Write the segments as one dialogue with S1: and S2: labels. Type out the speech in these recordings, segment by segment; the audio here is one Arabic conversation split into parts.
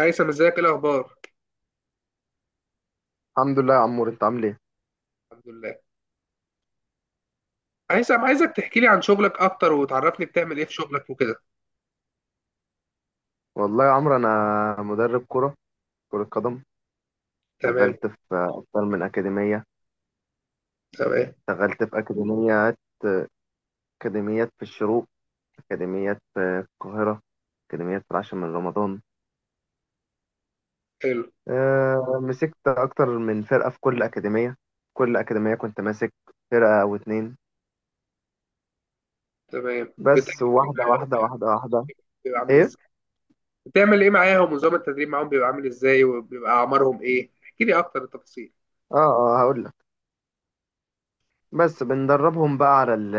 S1: هيثم، ازيك؟ ايه الاخبار؟
S2: الحمد لله يا عمور، انت عامل ايه؟
S1: الحمد لله. هيثم، عايزك تحكي لي عن شغلك اكتر وتعرفني بتعمل ايه في شغلك وكده.
S2: والله يا عمرو انا مدرب كرة قدم.
S1: تمام.
S2: اشتغلت في اكتر من اكاديمية.
S1: تمام.
S2: اشتغلت في اكاديميات. اكاديميات في الشروق، اكاديميات في القاهرة، اكاديميات في العاشر من رمضان.
S1: حلو.
S2: اه، مسكت اكتر من فرقة في كل اكاديمية. كل اكاديمية كنت ماسك فرقة او اتنين.
S1: تمام،
S2: بس
S1: بتحكي لي
S2: واحدة واحدة واحدة واحدة.
S1: بيبقى عامل
S2: ايه.
S1: ازاي؟ بتعمل ايه معاهم؟ ونظام التدريب معاهم بيبقى عامل ازاي؟ وبيبقى اعمارهم ايه؟ احكي لي اكتر التفاصيل.
S2: اه هقول لك. بس بندربهم بقى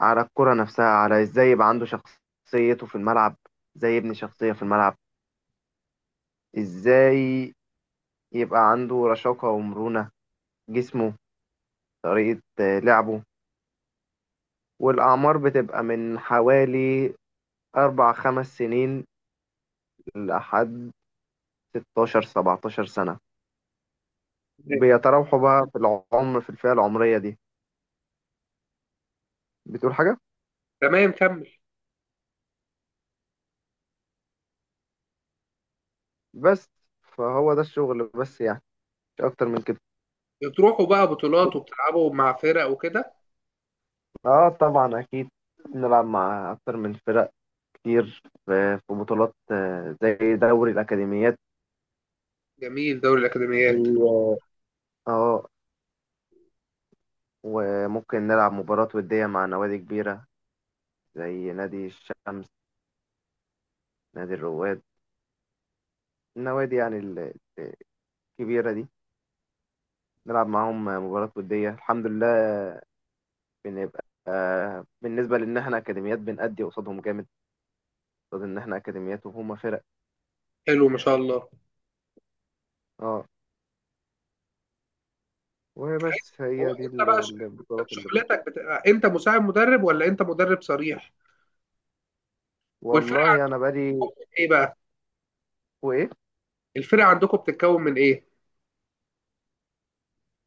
S2: على الكرة نفسها، على ازاي يبقى عنده شخصيته في الملعب، ازاي يبني شخصية في الملعب، ازاي يبقى عنده رشاقة ومرونة جسمه، طريقة لعبه. والأعمار بتبقى من حوالي أربع خمس سنين لحد 16 17 سنة،
S1: تمام.
S2: بيتراوحوا بقى في العمر في الفئة العمرية دي. بتقول حاجة؟
S1: تمام، كمل.
S2: بس، فهو ده الشغل بس يعني، مش أكتر من كده.
S1: بتروحوا بقى بطولات وبتلعبوا مع فرق وكده؟
S2: اه طبعا أكيد، نلعب مع أكتر من فرق كتير في بطولات، زي دوري الأكاديميات.
S1: جميل، دوري الاكاديميات.
S2: و- اه وممكن نلعب مباراة ودية مع نوادي كبيرة زي نادي الشمس، نادي الرواد، النوادي يعني الكبيرة دي. نلعب معاهم مباراة ودية الحمد لله. بنبقى بالنسبة لأن احنا أكاديميات بنأدي قصادهم جامد، قصاد إن احنا أكاديميات وهما فرق.
S1: حلو، ما شاء الله.
S2: اه،
S1: هيثم،
S2: وبس
S1: هو
S2: هي دي
S1: انت بقى
S2: البطولات اللي...
S1: شغلتك بتبقى انت مساعد مدرب ولا انت مدرب صريح؟ والفرقه
S2: والله أنا بقالي...
S1: عندكم ايه بقى؟
S2: وإيه.
S1: الفرقه عندكم بتتكون من ايه؟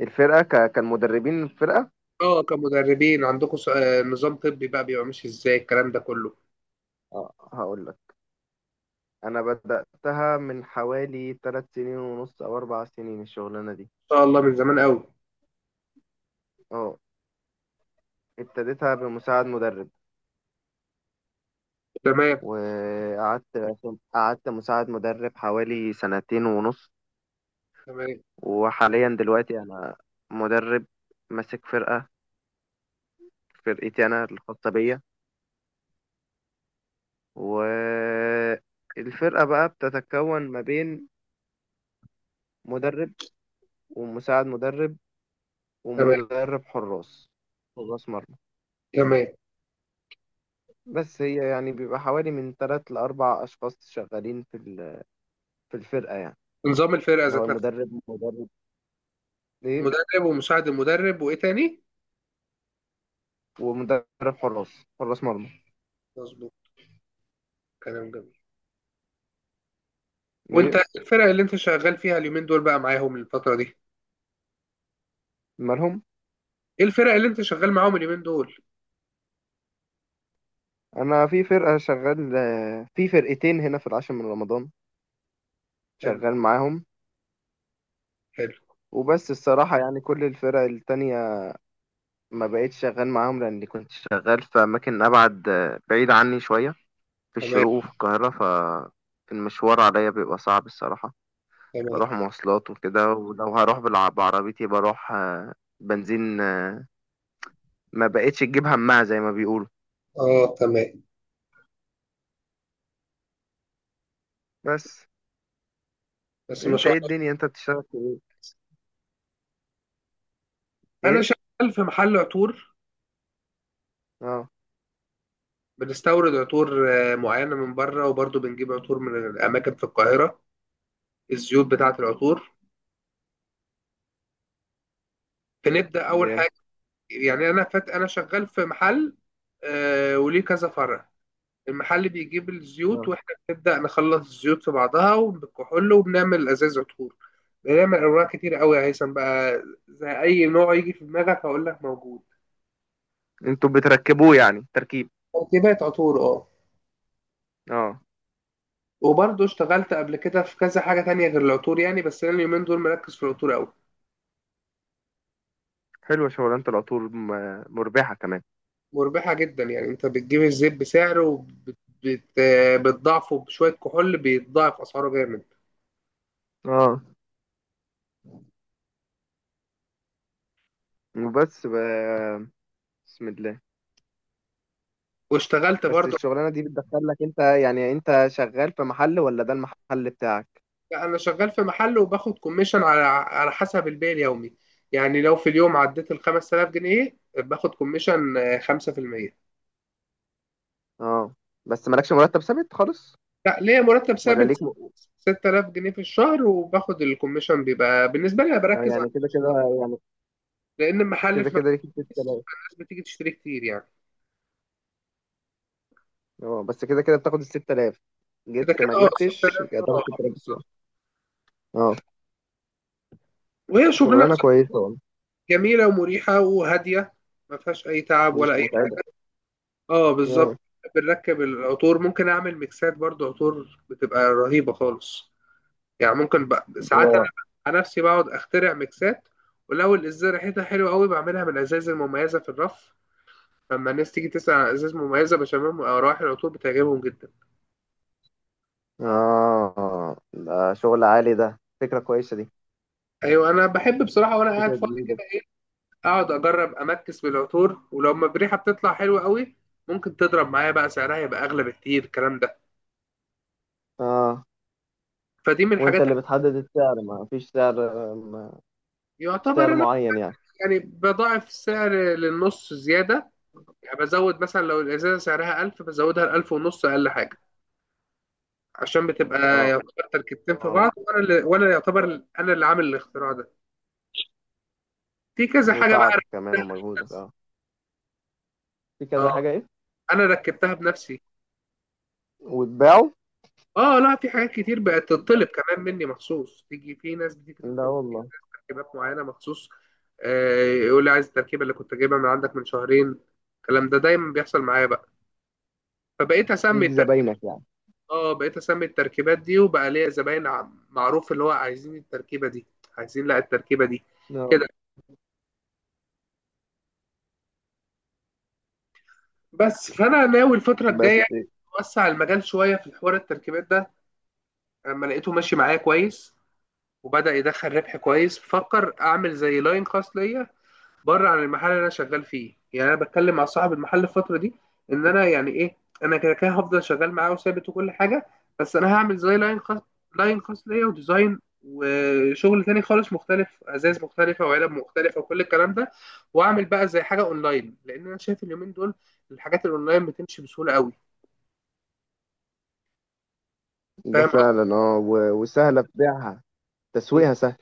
S2: الفرقة كان مدربين الفرقة.
S1: اه كمدربين عندكم نظام طبي بقى بيبقى ماشي ازاي الكلام ده كله؟ ان
S2: اه هقول لك. انا بدأتها من حوالي ثلاث سنين ونص او اربع سنين، الشغلانة دي.
S1: شاء الله، من زمان قوي.
S2: اه، ابتديتها بمساعد مدرب.
S1: تمام.
S2: وقعدت مساعد مدرب حوالي سنتين ونص.
S1: تمام.
S2: وحاليا دلوقتي انا مدرب، ماسك فرقة، فرقتي انا الخاصة بيا. والفرقة بقى بتتكون ما بين مدرب، ومساعد مدرب،
S1: تمام.
S2: ومدرب حراس مرمى.
S1: تمام.
S2: بس هي يعني بيبقى حوالي من تلات لأربع أشخاص شغالين في الفرقة يعني.
S1: نظام الفرقه
S2: اللي هو
S1: ذات نفسها؟
S2: المدرب إيه،
S1: المدرب ومساعد المدرب وايه تاني؟
S2: ومدرب حراس مرمى.
S1: مظبوط. كلام جميل. وانت
S2: إيه
S1: الفرق اللي انت شغال فيها اليومين دول بقى معاهم الفتره دي؟
S2: مالهم؟
S1: ايه الفرق اللي انت شغال معاهم اليومين دول؟
S2: أنا في فرقة شغال آه، في فرقتين هنا في العاشر من رمضان،
S1: حلو.
S2: شغال معاهم.
S1: حلو.
S2: وبس الصراحة يعني كل الفرق التانية ما بقيتش شغال معاهم، لأني كنت شغال في أماكن أبعد، بعيد عني شوية، في
S1: تمام.
S2: الشروق وفي القاهرة ف... المشوار عليا بيبقى صعب الصراحة.
S1: تمام.
S2: بروح مواصلات وكده، ولو هروح بعربيتي بروح بنزين. ما بقتش تجيب همها زي ما بيقولوا.
S1: اه تمام.
S2: بس،
S1: بس ما
S2: انت
S1: شاء
S2: ايه
S1: الله.
S2: الدنيا انت بتشتغل في ايه؟
S1: انا
S2: ايه.
S1: شغال في محل عطور.
S2: اه
S1: بنستورد عطور معينه من بره، وبرضه بنجيب عطور من اماكن في القاهره، الزيوت بتاعة العطور. فنبدأ أول
S2: جامد.
S1: حاجة، يعني أنا فات أنا شغال في محل وليه كذا فرع. المحل بيجيب الزيوت
S2: اه.
S1: وإحنا بنبدأ نخلص الزيوت في بعضها وبالكحول وبنعمل أزاز عطور. بنعمل أنواع كتير قوي يا هيثم، بقى زي أي نوع يجي في دماغك هقول لك موجود.
S2: انتوا بتركبوه يعني تركيب؟
S1: تركيبات عطور، أه.
S2: اه.
S1: وبرضه اشتغلت قبل كده في كذا حاجة تانية غير العطور، يعني بس أنا اليومين دول مركز في العطور أوي.
S2: حلوة شغلانة العطور، مربحة كمان.
S1: مربحة جدا، يعني انت بتجيب الزيت بسعره بت- بتضاعفه بشوية كحول بيتضاعف اسعاره جامد.
S2: اه، وبس بسم الله.
S1: واشتغلت
S2: بس
S1: برضو،
S2: الشغلانة دي بتدخل لك، انت يعني انت شغال في محل ولا ده المحل بتاعك؟
S1: يعني انا شغال في محل وباخد كوميشن على على حسب البيع اليومي. يعني لو في اليوم عديت ال 5000 جنيه باخد كوميشن 5%.
S2: اه، بس مالكش مرتب ثابت خالص؟
S1: لا، ليا مرتب
S2: ولا
S1: ثابت،
S2: ليك م...
S1: 6000 جنيه في الشهر، وباخد الكوميشن. بيبقى بالنسبة لي أنا
S2: آه،
S1: بركز على،
S2: يعني كده كده. يعني
S1: لأن المحل
S2: كده
S1: في مكان
S2: كده ليك
S1: كويس،
S2: 6000.
S1: فالناس بتيجي تشتري كتير يعني.
S2: اه، بس كده كده بتاخد ال 6000.
S1: كده
S2: جبت
S1: كده
S2: ما
S1: اه،
S2: جبتش
S1: 6000،
S2: هتاخد
S1: اه
S2: 6000 بتوع...
S1: بالظبط.
S2: اه.
S1: وهي شغلنا،
S2: شغلانه كويسه والله.
S1: جميلة ومريحة وهادية، ما فيهاش أي تعب ولا
S2: مش
S1: أي
S2: متعبه؟
S1: حاجة. اه بالظبط.
S2: اه
S1: بنركب العطور، ممكن أعمل ميكسات برضو عطور بتبقى رهيبة خالص. يعني ممكن بقى ساعات أنا
S2: اه.
S1: على نفسي بقعد أخترع ميكسات، ولو الإزازة ريحتها حلوة قوي بعملها من الأزاز المميزة في الرف. لما الناس تيجي تسأل عن أزاز مميزة بشممهم، أو روائح العطور بتعجبهم جدا.
S2: آه. ده شغل عالي، ده فكره كويسه دي،
S1: أيوة، أنا بحب بصراحة وأنا قاعد
S2: فكره
S1: فاضي
S2: جديده.
S1: كده إيه، أقعد أجرب أمكس بالعطور، ولو ما بريحة بتطلع حلوة قوي ممكن تضرب معايا بقى، سعرها يبقى أغلى بكتير الكلام ده.
S2: اه.
S1: فدي من
S2: وانت
S1: الحاجات،
S2: اللي بتحدد السعر؟ ما فيش سعر ما فيش
S1: يعتبر
S2: سعر
S1: انا
S2: معين يعني؟
S1: يعني بضاعف السعر للنص زياده. يعني بزود مثلا لو الازازه سعرها 1000 بزودها ل 1000 ونص اقل حاجه. عشان بتبقى
S2: اه
S1: يعتبر تركيبتين في
S2: اه.
S1: بعض، وانا يعتبر انا اللي عامل الاختراع ده. في كذا حاجه بقى
S2: وتعبك كمان
S1: ركبتها
S2: ومجهودك،
S1: بنفسي.
S2: اه. في كذا
S1: اه،
S2: حاجه ايه؟
S1: انا ركبتها بنفسي.
S2: وتباعه؟
S1: اه لا، في حاجات كتير بقت تطلب كمان مني مخصوص، تيجي في ناس بتيجي
S2: لا
S1: تطلب
S2: والله.
S1: تركيبات معينه مخصوص، يقول لي عايز التركيبه اللي كنت جايبها من عندك من شهرين. الكلام ده دايما بيحصل معايا بقى، فبقيت اسمي.
S2: ليك زباينك يعني.
S1: اه، بقيت اسمي التركيبات دي وبقى ليا زباين معروف اللي هو عايزين التركيبه دي، عايزين لا التركيبه دي
S2: اه.
S1: كده. بس فانا ناوي الفتره
S2: بس.
S1: الجايه اوسع المجال شويه في حوار التركيبات ده، اما لقيته ماشي معايا كويس وبدا يدخل ربح كويس، بفكر اعمل زي لاين خاص ليا بره عن المحل اللي انا شغال فيه. يعني انا بتكلم مع صاحب المحل الفتره دي، ان انا يعني ايه، انا كده كده هفضل شغال معاه وثابت وكل حاجه، بس انا هعمل زي لاين خاص. لاين خاص ليا، وديزاين وشغل تاني خالص مختلف، ازاز مختلفه وعلب مختلفه وكل الكلام ده. واعمل بقى زي حاجه اونلاين، لان انا شايف اليومين دول الحاجات الاونلاين بتمشي بسهوله قوي.
S2: ده
S1: فاهم قصدي؟
S2: فعلا، اه. وسهلة في بيعها. تسويقها سهل.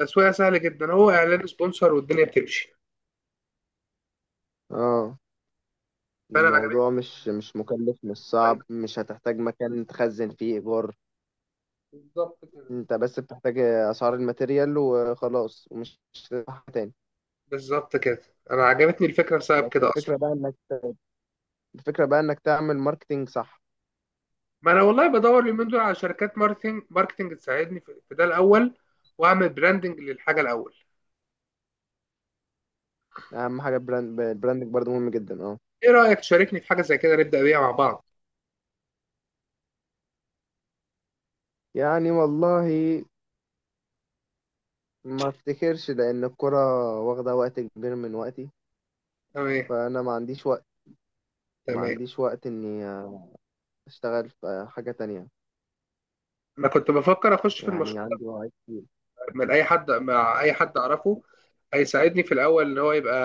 S1: التسويق سهل جدا، هو اعلان سبونسر والدنيا بتمشي.
S2: اه.
S1: فانا عجبتني
S2: الموضوع مش مكلف، مش
S1: الأونلاين.
S2: صعب، مش هتحتاج مكان تخزن فيه ايجار.
S1: بالظبط كده.
S2: انت بس بتحتاج اسعار الماتيريال وخلاص، ومش هتدفع حاجة تاني.
S1: بالظبط كده. انا عجبتني الفكره بسبب
S2: بس
S1: كده اصلا.
S2: الفكرة بقى انك تعمل ماركتينج صح.
S1: ما انا والله بدور اليومين دول على شركات ماركتنج تساعدني في ده الاول، واعمل براندنج للحاجه الاول.
S2: اهم حاجة براند براندك برضه مهم جدا، اه.
S1: ايه رايك تشاركني في حاجه زي كده نبدا بيها مع بعض؟
S2: يعني والله، ما افتكرش لان الكرة واخدة وقت كبير من وقتي.
S1: تمام.
S2: فانا ما عنديش وقت ما
S1: تمام.
S2: عنديش وقت اني اشتغل في حاجة تانية.
S1: انا كنت بفكر اخش في
S2: يعني
S1: المشروع
S2: عندي وعي كتير،
S1: من اي حد، مع اي حد اعرفه هيساعدني في الاول، ان هو يبقى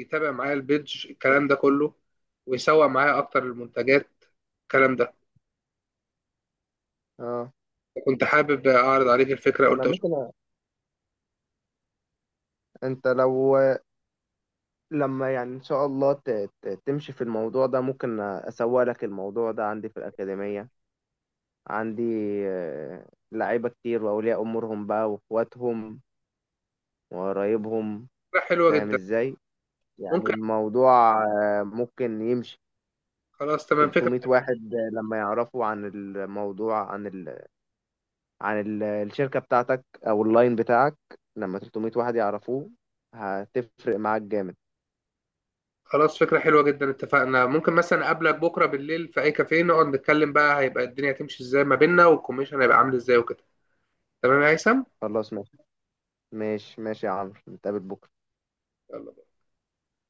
S1: يتابع معايا البيدج الكلام ده كله، ويسوق معايا اكتر المنتجات الكلام ده.
S2: اه.
S1: كنت حابب اعرض عليك الفكره
S2: انا
S1: قلت أشوف.
S2: ممكن انت لو لما يعني ان شاء الله تمشي في الموضوع ده، ممكن اسوق لك الموضوع ده عندي في الاكاديميه. عندي آه، لعيبه كتير، واولياء امورهم بقى واخواتهم وقرايبهم.
S1: فكره حلوه
S2: فاهم
S1: جدا.
S2: ازاي؟ يعني
S1: ممكن.
S2: الموضوع ممكن يمشي.
S1: خلاص تمام، فكره.
S2: 300 واحد لما يعرفوا عن الموضوع، الشركه بتاعتك او اللاين بتاعك. لما 300 واحد يعرفوه، هتفرق معاك جامد.
S1: خلاص، فكرة حلوة جدا، اتفقنا. ممكن مثلا أقابلك بكرة بالليل في أي كافيه نقعد نتكلم بقى هيبقى الدنيا هتمشي ازاي ما بيننا، والكوميشن هيبقى عامل ازاي وكده. تمام يا هيثم؟
S2: خلاص ماشي، ماشي ماشي يا عمرو، نتقابل بكرة.
S1: يلا.